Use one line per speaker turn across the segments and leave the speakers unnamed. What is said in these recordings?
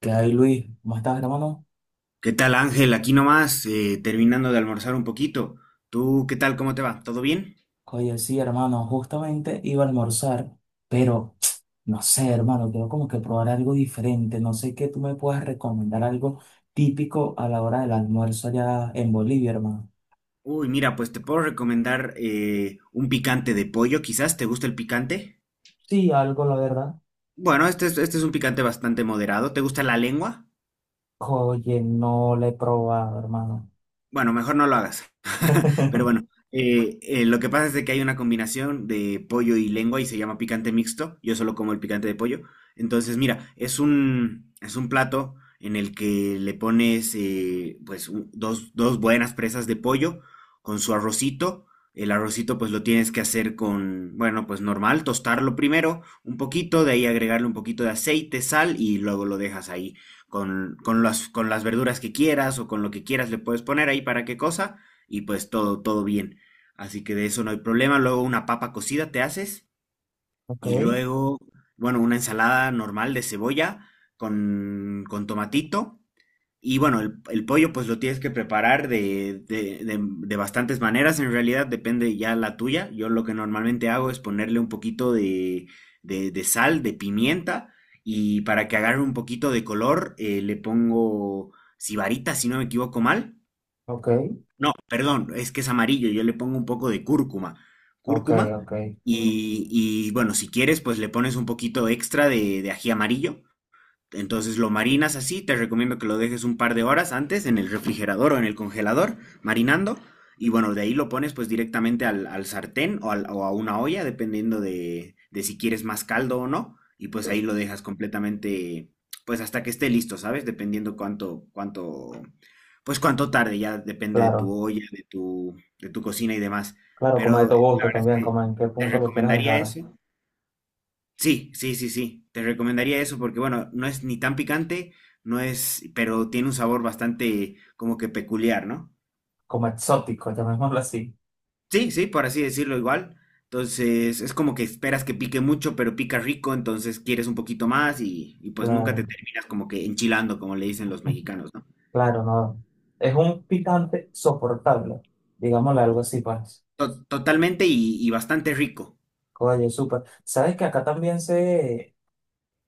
¿Qué hay, Luis? ¿Cómo estás, hermano?
¿Qué tal, Ángel? Aquí nomás, terminando de almorzar un poquito. ¿Tú qué tal? ¿Cómo te va? ¿Todo bien?
Oye, sí, hermano, justamente iba a almorzar, pero no sé, hermano, quiero como que probar algo diferente. No sé qué tú me puedas recomendar, algo típico a la hora del almuerzo allá en Bolivia, hermano.
Uy, mira, pues te puedo recomendar un picante de pollo, quizás. ¿Te gusta el picante?
Sí, algo, la verdad.
Bueno, este es un picante bastante moderado. ¿Te gusta la lengua?
Oye, no le he probado, hermano.
Bueno, mejor no lo hagas. Pero bueno, lo que pasa es de que hay una combinación de pollo y lengua y se llama picante mixto. Yo solo como el picante de pollo. Entonces, mira, es un plato en el que le pones pues dos buenas presas de pollo con su arrocito. El arrocito pues lo tienes que hacer con, bueno, pues normal, tostarlo primero un poquito, de ahí agregarle un poquito de aceite, sal y luego lo dejas ahí con las verduras que quieras o con lo que quieras le puedes poner ahí para qué cosa y pues todo bien. Así que de eso no hay problema. Luego una papa cocida te haces
Ok,
y luego, bueno, una ensalada normal de cebolla con tomatito y bueno, el pollo pues lo tienes que preparar de bastantes maneras, en realidad depende ya la tuya. Yo lo que normalmente hago es ponerle un poquito de, de sal, de pimienta, y para que agarre un poquito de color le pongo sibarita, si no me equivoco mal.
ok,
No, perdón, es que es amarillo, yo le pongo un poco de cúrcuma.
ok,
Cúrcuma,
ok.
y bueno, si quieres pues le pones un poquito extra de ají amarillo. Entonces lo marinas así, te recomiendo que lo dejes un par de horas antes en el refrigerador o en el congelador, marinando. Y bueno, de ahí lo pones pues directamente al sartén o, o a una olla, dependiendo de si quieres más caldo o no. Y pues ahí lo dejas completamente, pues hasta que esté listo, ¿sabes? Dependiendo cuánto, pues cuánto tarde, ya depende de tu
Claro,
olla, de tu cocina y demás.
claro, como de
Pero
tu
la
gusto
verdad es
también,
que
como en qué
te
punto lo quieras
recomendaría
dejar.
eso. Sí, sí, sí, sí. Te recomendaría eso porque, bueno, no es ni tan picante, no es, pero tiene un sabor bastante como que peculiar, ¿no?
Como exótico, llamémoslo así.
Sí, sí, por así decirlo igual. Entonces, es como que esperas que pique mucho, pero pica rico, entonces quieres un poquito más y pues nunca te
Claro.
terminas como que enchilando, como le dicen los mexicanos, ¿no?
Claro, no. Es un picante soportable, digámosle algo
To-
así, pues.
totalmente y bastante rico,
Oye, súper. ¿Sabes que acá también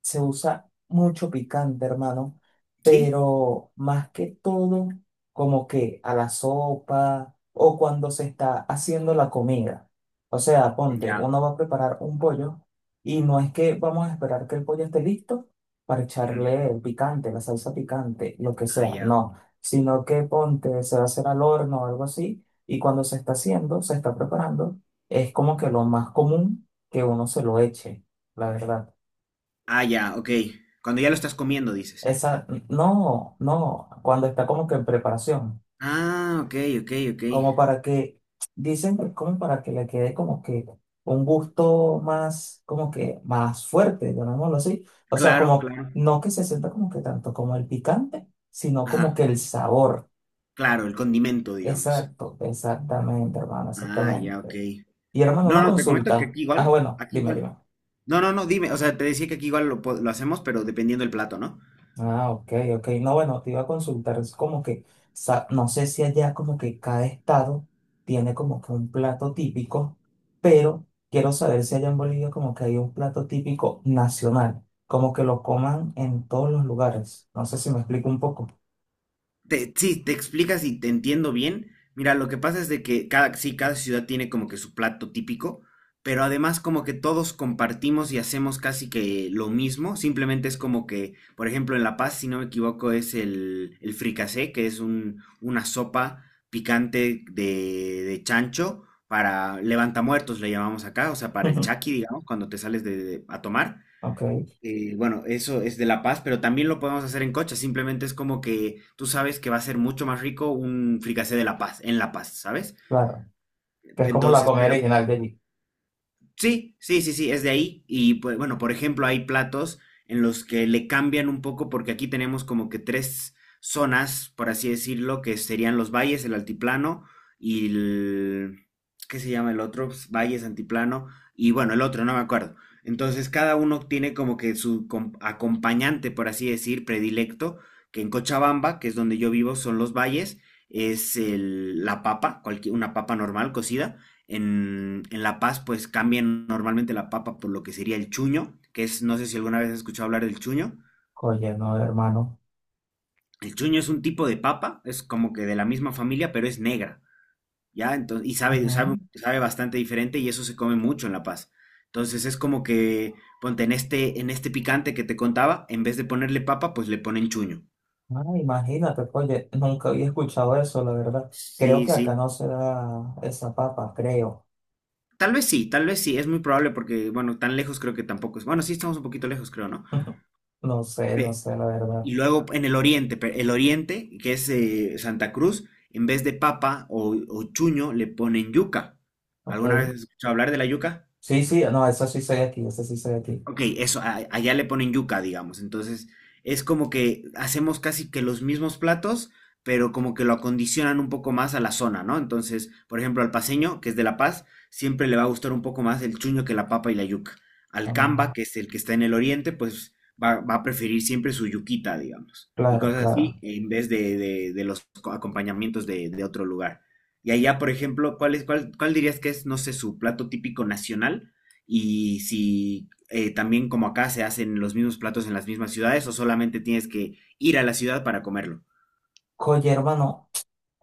se usa mucho picante, hermano,
¿sí?
pero más que todo, como que a la sopa o cuando se está haciendo la comida. O sea, ponte,
Ya.
uno va a preparar un pollo y no es que vamos a esperar que el pollo esté listo para
Ujú.
echarle el picante, la salsa picante, lo que
Ah,
sea,
ya.
no, sino que ponte, se va a hacer al horno o algo así y cuando se está haciendo, se está preparando, es como que lo más común que uno se lo eche, la verdad.
Ah, ya, ok. Cuando ya lo estás comiendo, dices.
Esa, no, no, cuando está como que en preparación,
Ah, ok, ok, ok.
como para que, dicen que como para que le quede como que un gusto más, como que más fuerte, llamémoslo así. O sea,
Claro,
como,
claro.
no que se sienta como que tanto como el picante, sino como
Ajá.
que el sabor.
Claro, el condimento, digamos.
Exacto, exactamente, hermano,
Ah, ya, ok.
exactamente. Y hermano,
No,
una
no, te comento que
consulta.
aquí
Ah,
igual,
bueno,
aquí
dime,
igual.
dime.
No, no, no, dime, o sea, te decía que aquí igual lo hacemos, pero dependiendo del plato, ¿no?
Ah, ok, ok. No, bueno, te iba a consultar, es como que, no sé si allá como que cada estado tiene como que un plato típico, pero quiero saber si allá en Bolivia como que hay un plato típico nacional, como que lo coman en todos los lugares. No sé si me explico un poco.
Sí, te explicas y te entiendo bien. Mira, lo que pasa es de que cada, sí, cada ciudad tiene como que su plato típico, pero además como que todos compartimos y hacemos casi que lo mismo. Simplemente es como que, por ejemplo, en La Paz, si no me equivoco, es el fricasé, que es un, una sopa picante de chancho para levantamuertos, le llamamos acá, o sea, para el chaki, digamos, cuando te sales de, a tomar.
Ok,
Bueno, eso es de La Paz, pero también lo podemos hacer en coche. Simplemente es como que tú sabes que va a ser mucho más rico un fricasé de La Paz, en La Paz, ¿sabes?
claro, que es como la
Entonces,
comida
pero
original de allí.
sí, sí, sí, sí, es de ahí. Y pues, bueno, por ejemplo, hay platos en los que le cambian un poco porque aquí tenemos como que tres zonas, por así decirlo, que serían los valles, el altiplano y el... ¿Qué se llama el otro? Pues, Valles, antiplano y bueno, el otro, no me acuerdo. Entonces, cada uno tiene como que su acompañante, por así decir, predilecto, que en Cochabamba, que es donde yo vivo, son los valles, es la papa, cualquier, una papa normal cocida en La Paz pues cambian normalmente la papa por lo que sería el chuño, que es, no sé si alguna vez has escuchado hablar del chuño.
Oye, no, hermano.
El chuño es un tipo de papa, es como que de la misma familia, pero es negra, ¿ya? Entonces, y
Ujú.
sabe bastante diferente y eso se come mucho en La Paz. Entonces es como que, ponte, en este picante que te contaba, en vez de ponerle papa, pues le ponen chuño.
Ah, imagínate, oye, nunca había escuchado eso, la verdad. Creo
Sí,
que
sí.
acá no se da esa papa, creo.
Tal vez sí, tal vez sí, es muy probable porque, bueno, tan lejos creo que tampoco es. Bueno, sí estamos un poquito lejos, creo, ¿no?
Ujú. No sé, no
Pe-
sé, la
y
verdad.
luego en el oriente, el oriente, que es Santa Cruz, en vez de papa o chuño, le ponen yuca.
Ok.
¿Alguna vez has escuchado hablar de la yuca?
Sí, sí, no, eso sí soy aquí, eso sí soy aquí.
Ok, eso, allá le ponen yuca, digamos. Entonces, es como que hacemos casi que los mismos platos, pero como que lo acondicionan un poco más a la zona, ¿no? Entonces, por ejemplo, al paceño, que es de La Paz, siempre le va a gustar un poco más el chuño que la papa y la yuca. Al camba,
Mm,
que es el que está en el oriente, pues va a preferir siempre su yuquita, digamos. Y
claro,
cosas así,
claro.
en vez de, de los acompañamientos de otro lugar. Y allá, por ejemplo, ¿cuál dirías que es, no sé, su plato típico nacional? Y si también como acá se hacen los mismos platos en las mismas ciudades o solamente tienes que ir a la ciudad para comerlo.
Oye, hermano,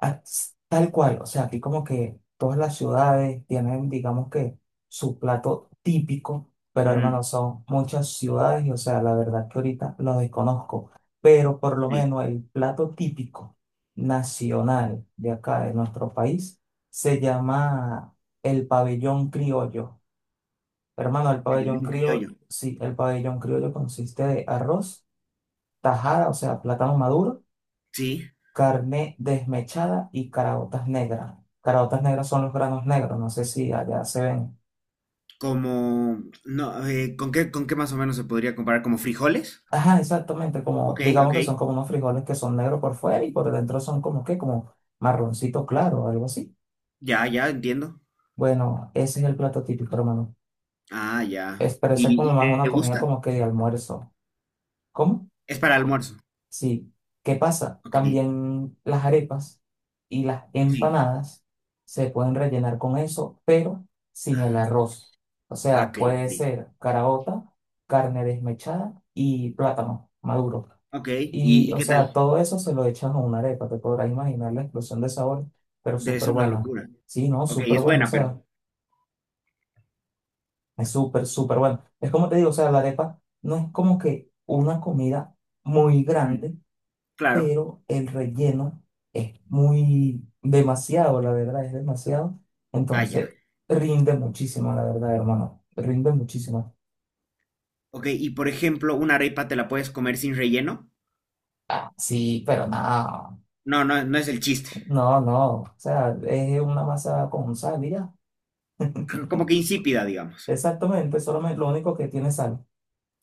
ah, tal cual, o sea, aquí como que todas las ciudades tienen, digamos que, su plato típico, pero
Ujú,
hermano, son muchas ciudades y, o sea, la verdad que ahorita lo desconozco, pero por lo
sí,
menos el plato típico nacional de acá, de nuestro país, se llama el pabellón criollo. Hermano, el pabellón
pabellón
criollo,
criollo.
sí, el pabellón criollo consiste de arroz, tajada, o sea, plátano maduro,
Sí,
carne desmechada y caraotas negras. Caraotas negras son los granos negros, no sé si allá se ven.
como, no, con qué más o menos se podría comparar? ¿Como frijoles?
Ajá, exactamente, como,
Ok, ok,
digamos que son como unos frijoles que son negros por fuera y por dentro son como que, como marroncito claro o algo así.
ya, ya, entiendo.
Bueno, ese es el plato típico, hermano.
Ah, ya.
Es, pero eso es
Y
como más
te
una comida
gusta?
como que de almuerzo. ¿Cómo?
Es para almuerzo.
Sí, ¿qué pasa?
Ok,
También las arepas y las
sí.
empanadas se pueden rellenar con eso, pero sin el
Ah,
arroz. O sea,
ok,
puede
sí.
ser caraota, carne desmechada y plátano maduro.
Ok,
Y,
y
o
qué
sea,
tal?
todo eso se lo echan a una arepa, te podrás imaginar la explosión de sabor, pero
Debe
súper
ser una
buena.
locura.
Sí, no,
Ok,
súper
es
bueno, o
buena, pero...
sea, es súper, súper bueno. Es como te digo, o sea, la arepa no es como que una comida muy
Ujú,
grande,
claro.
pero el relleno es muy demasiado, la verdad, es demasiado.
Ah,
Entonces,
ya.
rinde muchísimo, la verdad, hermano, rinde muchísimo.
Ok, y por ejemplo, una arepa te la puedes comer sin relleno.
Ah, sí, pero no,
No, no, no es el chiste.
no, o sea, es una masa con sal, y ya.
Como que insípida, digamos.
Exactamente, solamente lo único que tiene sal,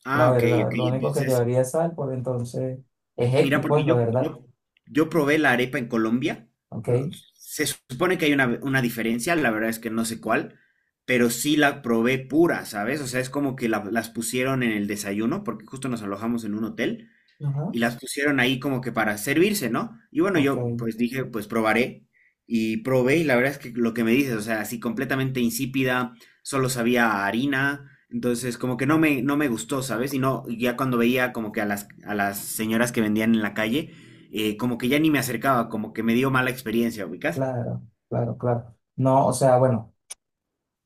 Ah,
la
ok,
verdad,
ok.
lo único que
Entonces,
llevaría es sal, pues entonces es
mira,
X,
porque
pues, la verdad,
yo probé la arepa en Colombia. No,
¿ok?
se supone que hay una diferencia, la verdad es que no sé cuál, pero sí la probé pura, ¿sabes? O sea, es como que las pusieron en el desayuno, porque justo nos alojamos en un hotel.
Ajá,
Y las pusieron ahí como que para servirse, ¿no? Y bueno,
ok,
yo pues dije, pues probaré y probé y la verdad es que lo que me dices, o sea, así completamente insípida, solo sabía a harina, entonces como que no me gustó, ¿sabes? Y no, y ya cuando veía como que a a las señoras que vendían en la calle, como que ya ni me acercaba, como que me dio mala experiencia, ¿ubicas?
claro, claro, claro. No, o sea, bueno.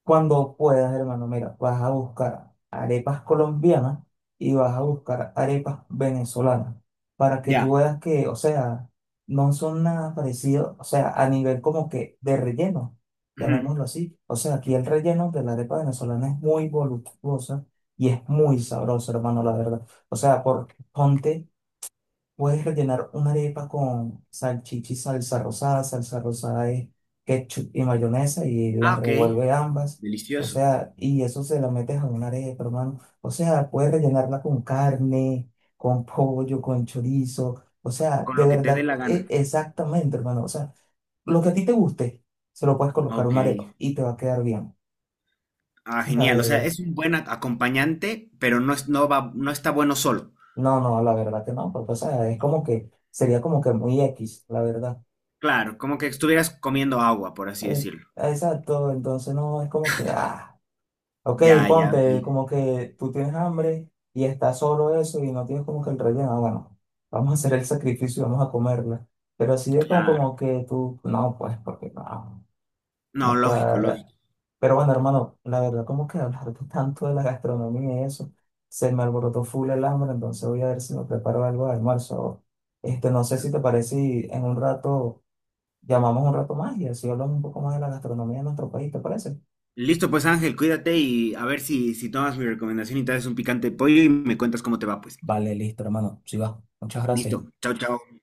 Cuando puedas, hermano, mira, vas a buscar arepas colombianas y vas a buscar arepas venezolanas para que
Ya.
tú veas que, o sea, no son nada parecidos, o sea, a nivel como que de relleno,
Ujú.
llamémoslo así. O sea, aquí el relleno de la arepa venezolana es muy voluptuosa y es muy sabroso, hermano, la verdad. O sea, por, ponte, puedes rellenar una arepa con salchicha y salsa rosada. Salsa rosada es ketchup y mayonesa y
Ah,
las
ok.
revuelve ambas. O
Delicioso.
sea, y eso se la metes a una arepa, hermano. O sea, puedes rellenarla con carne, con pollo, con chorizo. O sea,
Con
de
lo que te dé
verdad,
la gana.
exactamente, hermano. O sea, lo que a ti te guste, se lo puedes colocar a
Ok.
una arepa y te va a quedar bien.
Ah,
La
genial. O sea,
verdad.
es un buen acompañante, pero no es, no va, no está bueno solo.
No, no, la verdad que no, porque, o sea, es como que sería como que muy X, la verdad.
Claro, como que estuvieras comiendo agua, por así
Es-
decirlo.
exacto, entonces no es como que, ah, ok,
Ya, ya, ok.
ponte, como que tú tienes hambre y está solo eso y no tienes como que el relleno, ah, bueno, vamos a hacer el sacrificio y vamos a comerla. Pero así es como,
Claro.
como que tú, no, pues, porque no,
No,
no
lógico,
cuadra.
lógico.
Pero bueno, hermano, la verdad, como que hablar tanto de la gastronomía y eso, se me alborotó full el hambre, entonces voy a ver si me preparo algo de almuerzo. Este, no sé si te parece y en un rato llamamos un rato más y así hablamos un poco más de la gastronomía de nuestro país, ¿te parece?
Listo, pues Ángel, cuídate y a ver si, si tomas mi recomendación y traes un picante de pollo y me cuentas cómo te va, pues.
Vale, listo, hermano. Sí va. Muchas
Listo.
gracias.
Chao, chao.